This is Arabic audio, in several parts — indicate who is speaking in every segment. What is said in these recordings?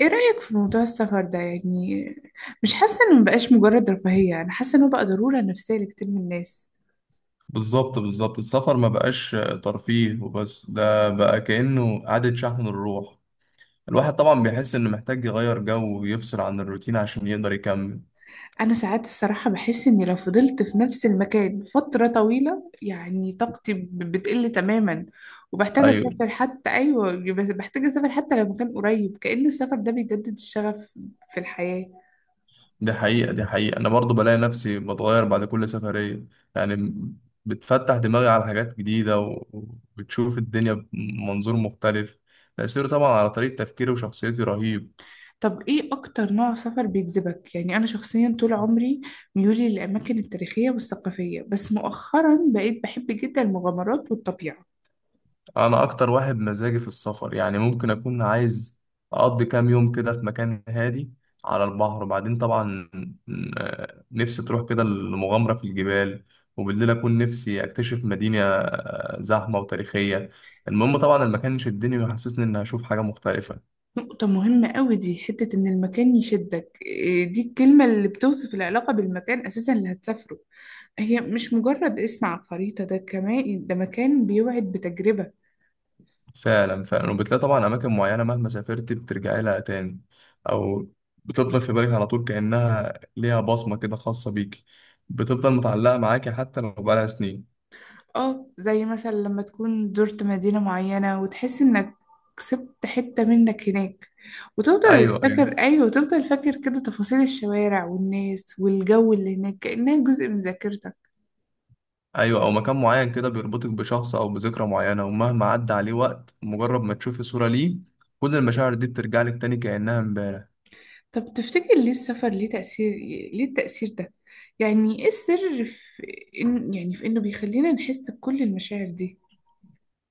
Speaker 1: ايه رأيك في موضوع السفر ده يعني؟ مش حاسة انه مبقاش مجرد رفاهية، انا حاسة انه بقى ضرورة نفسية لكتير من الناس.
Speaker 2: بالظبط، بالظبط. السفر ما بقاش ترفيه وبس، ده بقى كأنه إعادة شحن الروح. الواحد طبعا بيحس إنه محتاج يغير جو ويفصل عن الروتين عشان يقدر يكمل.
Speaker 1: انا ساعات الصراحة بحس اني لو فضلت في نفس المكان فترة طويلة يعني طاقتي بتقل تماما، وبحتاج
Speaker 2: أيوة.
Speaker 1: اسافر حتى، ايوه، بس بحتاج اسافر حتى لو مكان قريب، كأن السفر ده بيجدد الشغف في الحياة.
Speaker 2: دي حقيقة، دي حقيقة. أنا برضو بلاقي نفسي بتغير بعد كل سفرية، يعني بتفتح دماغي على حاجات جديدة وبتشوف الدنيا بمنظور مختلف. تأثيره طبعا على طريقة تفكيري وشخصيتي رهيب.
Speaker 1: طب ايه اكتر نوع سفر بيجذبك؟ يعني انا شخصيا طول عمري ميولي للاماكن التاريخية والثقافية، بس مؤخرا بقيت بحب جدا المغامرات والطبيعة.
Speaker 2: انا اكتر واحد مزاجي في السفر، يعني ممكن اكون عايز اقضي كام يوم كده في مكان هادي على البحر، وبعدين طبعا نفسي تروح كده المغامرة في الجبال، وبالليل اكون نفسي اكتشف مدينة زحمة وتاريخية. المهم طبعا المكان يشدني ويحسسني اني هشوف حاجة مختلفة.
Speaker 1: نقطة مهمة قوي دي، حتة إن المكان يشدك، إيه دي الكلمة اللي بتوصف العلاقة بالمكان أساسا اللي هتسافره. هي مش مجرد اسم على الخريطة، ده كمان ده مكان بيوعد بتجربة.
Speaker 2: فعلا فعلا، وبتلاقي طبعا اماكن معينة مهما سافرت بترجعي لها تاني، او بتفضل في بالك على طول كأنها ليها بصمة كده خاصة بيك. بتفضل متعلقة معاكي حتى لو بقالها سنين.
Speaker 1: اه، زي مثلا لما تكون زرت مدينة معينة وتحس إنك كسبت حتة منك هناك، وتفضل
Speaker 2: ايوه، ايوه،
Speaker 1: فاكر، أيوة، وتفضل فاكر كده تفاصيل الشوارع والناس والجو اللي هناك كأنها جزء من ذاكرتك.
Speaker 2: ايوه، او مكان معين كده بيربطك بشخص او بذكرى معينه، ومهما عدى عليه وقت مجرد ما تشوفي صوره ليه كل المشاعر دي بترجع لك تاني كانها امبارح.
Speaker 1: طب تفتكر ليه السفر ليه تأثير، ليه التأثير ده؟ يعني ايه السر في إن، يعني في إنه بيخلينا نحس بكل المشاعر دي؟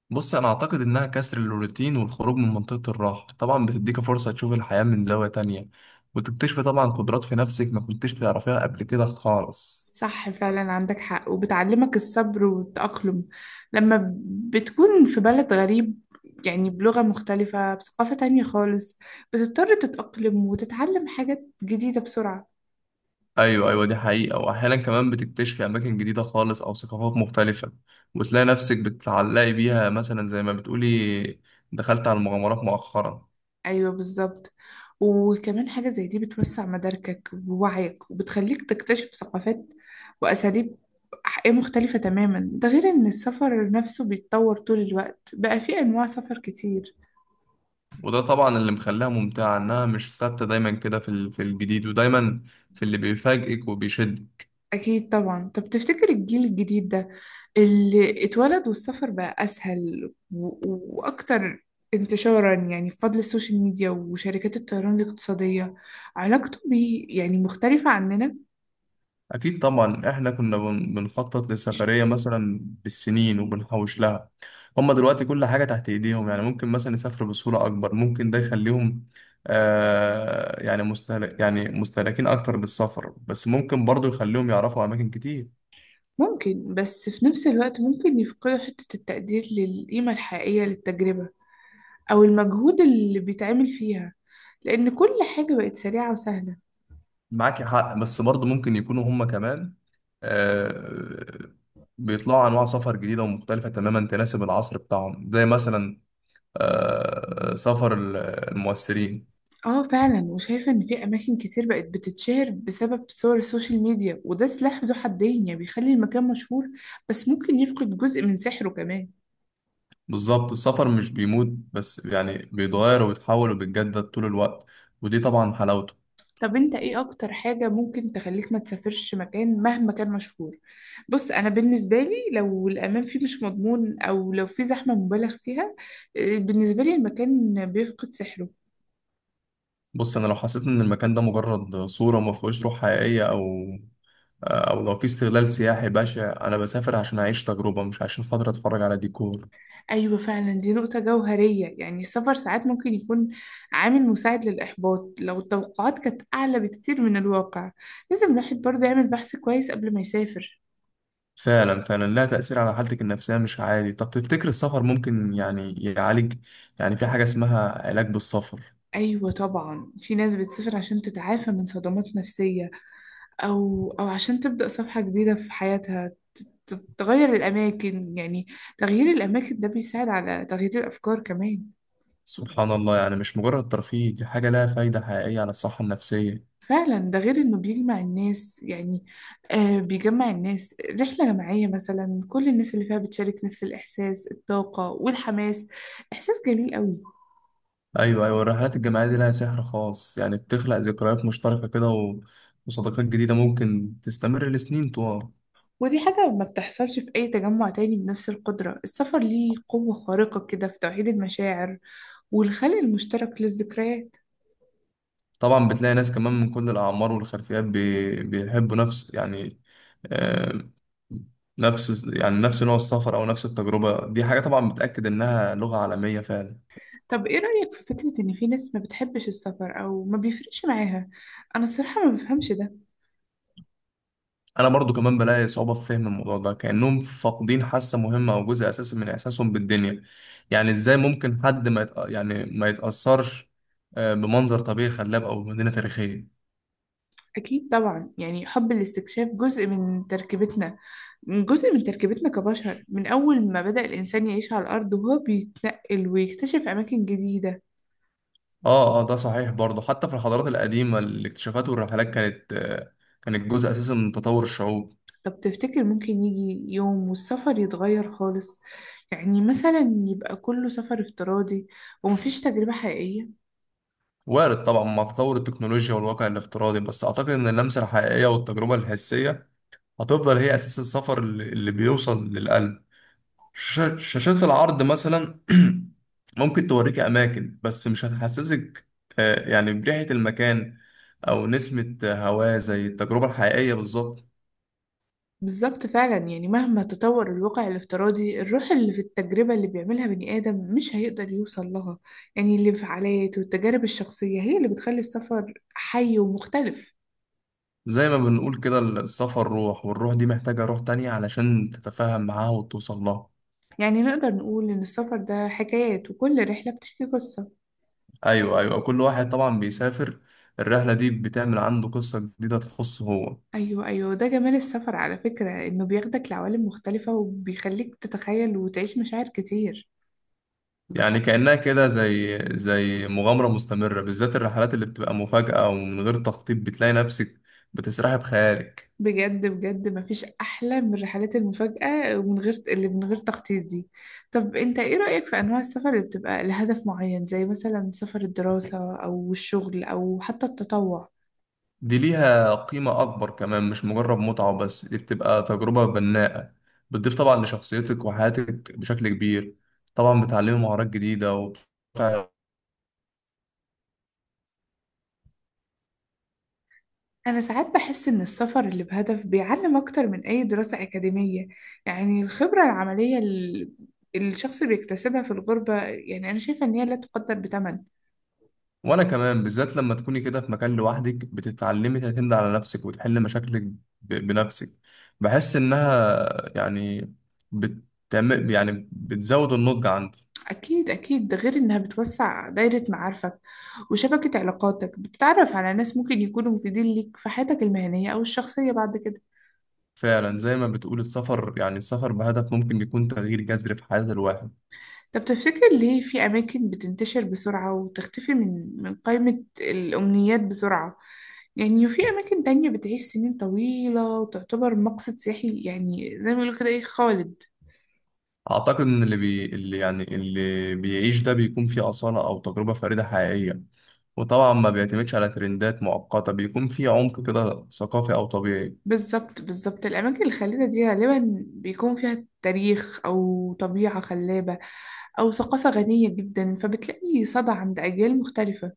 Speaker 2: بص، انا اعتقد انها كسر الروتين والخروج من منطقه الراحه، طبعا بتديك فرصه تشوف الحياه من زاويه تانية وتكتشفي طبعا قدرات في نفسك ما كنتش تعرفيها قبل كده خالص.
Speaker 1: صح، فعلا عندك حق، وبتعلمك الصبر والتأقلم لما بتكون في بلد غريب، يعني بلغة مختلفة بثقافة تانية خالص، بتضطر تتأقلم وتتعلم حاجات جديدة بسرعة.
Speaker 2: ايوه، ايوه، دي حقيقه. واحيانا كمان بتكتشفي اماكن جديده خالص او ثقافات مختلفه، وتلاقي نفسك بتتعلقي بيها، مثلا زي ما بتقولي دخلت على المغامرات مؤخرا.
Speaker 1: ايوه بالظبط، وكمان حاجة زي دي بتوسع مداركك ووعيك وبتخليك تكتشف ثقافات وأساليب مختلفة تماما، ده غير إن السفر نفسه بيتطور طول الوقت، بقى فيه أنواع سفر كتير.
Speaker 2: وده طبعا اللي مخليها ممتعة، إنها مش ثابتة دايما، كده في الجديد، ودايما في اللي بيفاجئك وبيشد.
Speaker 1: أكيد طبعا. طب تفتكر الجيل الجديد ده اللي اتولد والسفر بقى أسهل وأكتر انتشارا، يعني بفضل السوشيال ميديا وشركات الطيران الاقتصادية، علاقته بيه يعني مختلفة عننا؟
Speaker 2: أكيد طبعا. إحنا كنا بنخطط للسفرية مثلا بالسنين وبنحوش لها. هما دلوقتي كل حاجة تحت إيديهم، يعني ممكن مثلا يسافروا بسهولة أكبر. ممكن ده يخليهم مستهلكين أكتر بالسفر، بس ممكن برضه يخليهم يعرفوا أماكن كتير.
Speaker 1: ممكن، بس في نفس الوقت ممكن يفقدوا حتة التقدير للقيمة الحقيقية للتجربة أو المجهود اللي بيتعمل فيها، لأن كل حاجة بقت سريعة وسهلة.
Speaker 2: معاك حق، بس برضه ممكن يكونوا هم كمان آه، بيطلعوا انواع سفر جديده ومختلفه تماما تناسب العصر بتاعهم، زي مثلا سفر المؤثرين.
Speaker 1: اه فعلا، وشايفة ان في اماكن كتير بقت بتتشهر بسبب صور السوشيال ميديا، وده سلاح ذو حدين، يعني بيخلي المكان مشهور بس ممكن يفقد جزء من سحره كمان.
Speaker 2: بالظبط. السفر مش بيموت، بس يعني بيتغير وبيتحول وبيتجدد طول الوقت، ودي طبعا حلاوته.
Speaker 1: طب انت ايه اكتر حاجة ممكن تخليك ما تسافرش مكان مهما كان مشهور؟ بص انا بالنسبة لي لو الامان فيه مش مضمون او لو في زحمة مبالغ فيها، اه، بالنسبة لي المكان بيفقد سحره.
Speaker 2: بص، انا لو حسيت ان المكان ده مجرد صوره ما فيهوش روح حقيقيه، او لو في استغلال سياحي بشع، انا بسافر عشان اعيش تجربه مش عشان خاطر اتفرج على ديكور.
Speaker 1: ايوه فعلا، دي نقطة جوهرية، يعني السفر ساعات ممكن يكون عامل مساعد للاحباط لو التوقعات كانت اعلى بكتير من الواقع، لازم الواحد برضه يعمل بحث كويس قبل ما يسافر.
Speaker 2: فعلا فعلا، لها تأثير على حالتك النفسية مش عادي. طب تفتكر السفر ممكن يعني يعالج؟ يعني في حاجة اسمها علاج بالسفر؟
Speaker 1: أيوة طبعا، في ناس بتسافر عشان تتعافى من صدمات نفسية أو عشان تبدأ صفحة جديدة في حياتها. تغير الأماكن، يعني تغيير الأماكن ده بيساعد على تغيير الأفكار كمان.
Speaker 2: سبحان الله، يعني مش مجرد ترفيه، دي حاجة لها فايدة حقيقية على الصحة النفسية.
Speaker 1: فعلا، ده غير إنه بيجمع الناس، يعني آه بيجمع الناس، رحلة جماعية مثلا كل الناس اللي فيها بتشارك نفس الإحساس، الطاقة والحماس، إحساس جميل قوي.
Speaker 2: أيوة، أيوة، الرحلات الجماعية دي لها سحر خاص، يعني بتخلق ذكريات مشتركة كده وصداقات جديدة ممكن تستمر لسنين طوال.
Speaker 1: ودي حاجة ما بتحصلش في أي تجمع تاني بنفس القدرة، السفر ليه قوة خارقة كده في توحيد المشاعر والخلق المشترك للذكريات.
Speaker 2: طبعا بتلاقي ناس كمان من كل الأعمار والخلفيات بيحبوا نفس يعني آه، نفس يعني نفس نوع السفر أو نفس التجربة. دي حاجة طبعا بتأكد إنها لغة عالمية فعلا.
Speaker 1: طب ايه رأيك في فكرة ان في ناس ما بتحبش السفر او ما بيفرقش معاها؟ انا الصراحة ما بفهمش ده.
Speaker 2: أنا برضو كمان بلاقي صعوبة في فهم الموضوع ده، كأنهم فاقدين حاسة مهمة أو جزء أساسي من إحساسهم بالدنيا. يعني إزاي ممكن حد ما يتأثرش بمنظر طبيعي خلاب أو مدينة تاريخية؟
Speaker 1: اكيد طبعا، يعني حب الاستكشاف جزء من تركيبتنا، كبشر، من اول ما بدأ الانسان يعيش على الارض وهو بيتنقل ويكتشف اماكن جديدة.
Speaker 2: آه، آه، ده صحيح برضو، حتى في الحضارات القديمة الاكتشافات والرحلات كانت جزء أساسي من تطور الشعوب.
Speaker 1: طب تفتكر ممكن يجي يوم والسفر يتغير خالص؟ يعني مثلا يبقى كله سفر افتراضي ومفيش تجربة حقيقية؟
Speaker 2: وارد طبعا مع تطور التكنولوجيا والواقع الافتراضي، بس أعتقد إن اللمسة الحقيقية والتجربة الحسية هتفضل هي أساس السفر اللي بيوصل للقلب. شاشات العرض مثلا ممكن توريك أماكن، بس مش هتحسسك يعني بريحة المكان أو نسمة هواه زي التجربة الحقيقية بالظبط.
Speaker 1: بالظبط، فعلا يعني مهما تطور الواقع الافتراضي، الروح اللي في التجربة اللي بيعملها بني آدم مش هيقدر يوصل لها، يعني الانفعالات والتجارب الشخصية هي اللي بتخلي السفر حي ومختلف.
Speaker 2: زي ما بنقول كده، السفر روح، والروح دي محتاجة روح تانية علشان تتفاهم معاها وتوصل لها.
Speaker 1: يعني نقدر نقول إن السفر ده حكايات، وكل رحلة بتحكي قصة.
Speaker 2: ايوه، ايوه، كل واحد طبعا بيسافر الرحله دي بتعمل عنده قصه جديده تخصه هو.
Speaker 1: أيوة أيوة، ده جمال السفر على فكرة، إنه بياخدك لعوالم مختلفة وبيخليك تتخيل وتعيش مشاعر كتير.
Speaker 2: يعني كانها كده زي مغامره مستمره، بالذات الرحلات اللي بتبقى مفاجاه ومن غير تخطيط، بتلاقي نفسك بتسرحي بخيالك.
Speaker 1: بجد بجد مفيش أحلى من الرحلات المفاجأة، ومن غير اللي من غير تخطيط دي. طب أنت إيه رأيك في أنواع السفر اللي بتبقى لهدف معين، زي مثلا سفر الدراسة أو الشغل أو حتى التطوع؟
Speaker 2: دي ليها قيمه اكبر كمان، مش مجرد متعه وبس، دي بتبقى تجربه بناءه، بتضيف طبعا لشخصيتك وحياتك بشكل كبير، طبعا بتعلمي مهارات جديده.
Speaker 1: أنا ساعات بحس إن السفر اللي بهدف بيعلم أكتر من أي دراسة أكاديمية، يعني الخبرة العملية اللي الشخص بيكتسبها في الغربة، يعني أنا شايفة إن هي لا تقدر بثمن.
Speaker 2: وانا كمان، بالذات لما تكوني كده في مكان لوحدك بتتعلمي تعتمدي على نفسك وتحلي مشاكلك بنفسك. بحس انها، يعني، بتعمل يعني بتزود النضج عندي.
Speaker 1: أكيد أكيد، ده غير إنها بتوسع دايرة معارفك وشبكة علاقاتك، بتتعرف على ناس ممكن يكونوا مفيدين ليك في حياتك المهنية أو الشخصية بعد كده.
Speaker 2: فعلا زي ما بتقول، السفر بهدف ممكن يكون تغيير جذري في حياة الواحد.
Speaker 1: طب تفتكر ليه في أماكن بتنتشر بسرعة وتختفي من قائمة الأمنيات بسرعة، يعني وفي أماكن تانية بتعيش سنين طويلة وتعتبر مقصد سياحي، يعني زي ما بيقولوا كده، إيه، خالد؟
Speaker 2: اعتقد ان اللي بي اللي يعني اللي بيعيش ده بيكون فيه أصالة او تجربة فريدة حقيقية، وطبعا ما بيعتمدش على ترندات مؤقتة، بيكون فيه عمق كده ثقافي او طبيعي.
Speaker 1: بالظبط بالظبط، الأماكن الخلابة دي غالبا بيكون فيها تاريخ أو طبيعة خلابة أو ثقافة غنية جدا، فبتلاقي صدى عند أجيال مختلفة.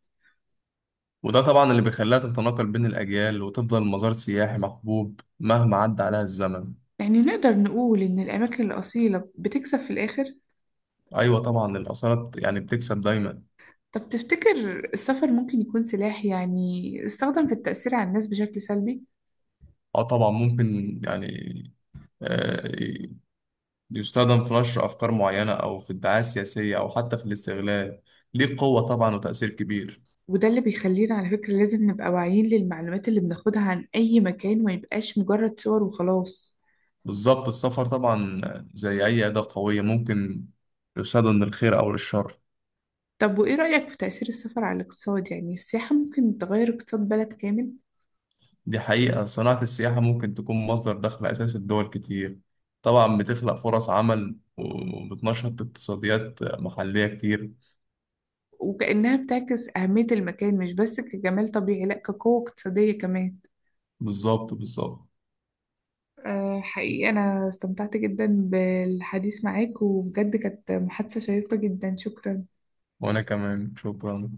Speaker 2: وده طبعا اللي بيخليها تتناقل بين الأجيال وتفضل مزار سياحي محبوب مهما عدى عليها الزمن.
Speaker 1: يعني نقدر نقول إن الأماكن الأصيلة بتكسب في الآخر.
Speaker 2: أيوة طبعا. الآثار يعني بتكسب دايما.
Speaker 1: طب تفتكر السفر ممكن يكون سلاح، يعني استخدم في التأثير على الناس بشكل سلبي؟
Speaker 2: أه طبعا ممكن، يعني آه، يستخدم في نشر أفكار معينة أو في الدعاية السياسية أو حتى في الاستغلال. ليه قوة طبعا وتأثير كبير.
Speaker 1: وده اللي بيخلينا على فكرة لازم نبقى واعيين للمعلومات اللي بناخدها عن أي مكان، ما يبقاش مجرد صور وخلاص.
Speaker 2: بالظبط. السفر طبعا زي أي أداة قوية ممكن يستخدم للخير أو للشر.
Speaker 1: طب وإيه رأيك في تأثير السفر على الاقتصاد، يعني السياحة ممكن تغير اقتصاد بلد كامل؟
Speaker 2: دي حقيقة، صناعة السياحة ممكن تكون مصدر دخل أساسي لدول كتير، طبعا بتخلق فرص عمل وبتنشط اقتصاديات محلية كتير.
Speaker 1: وكأنها بتعكس أهمية المكان، مش بس كجمال طبيعي، لأ كقوة اقتصادية كمان.
Speaker 2: بالظبط، بالظبط.
Speaker 1: أه حقيقي، أنا استمتعت جدا بالحديث معاك، وبجد كانت محادثة شيقة جدا، شكرا.
Speaker 2: وأنا كمان شكرا.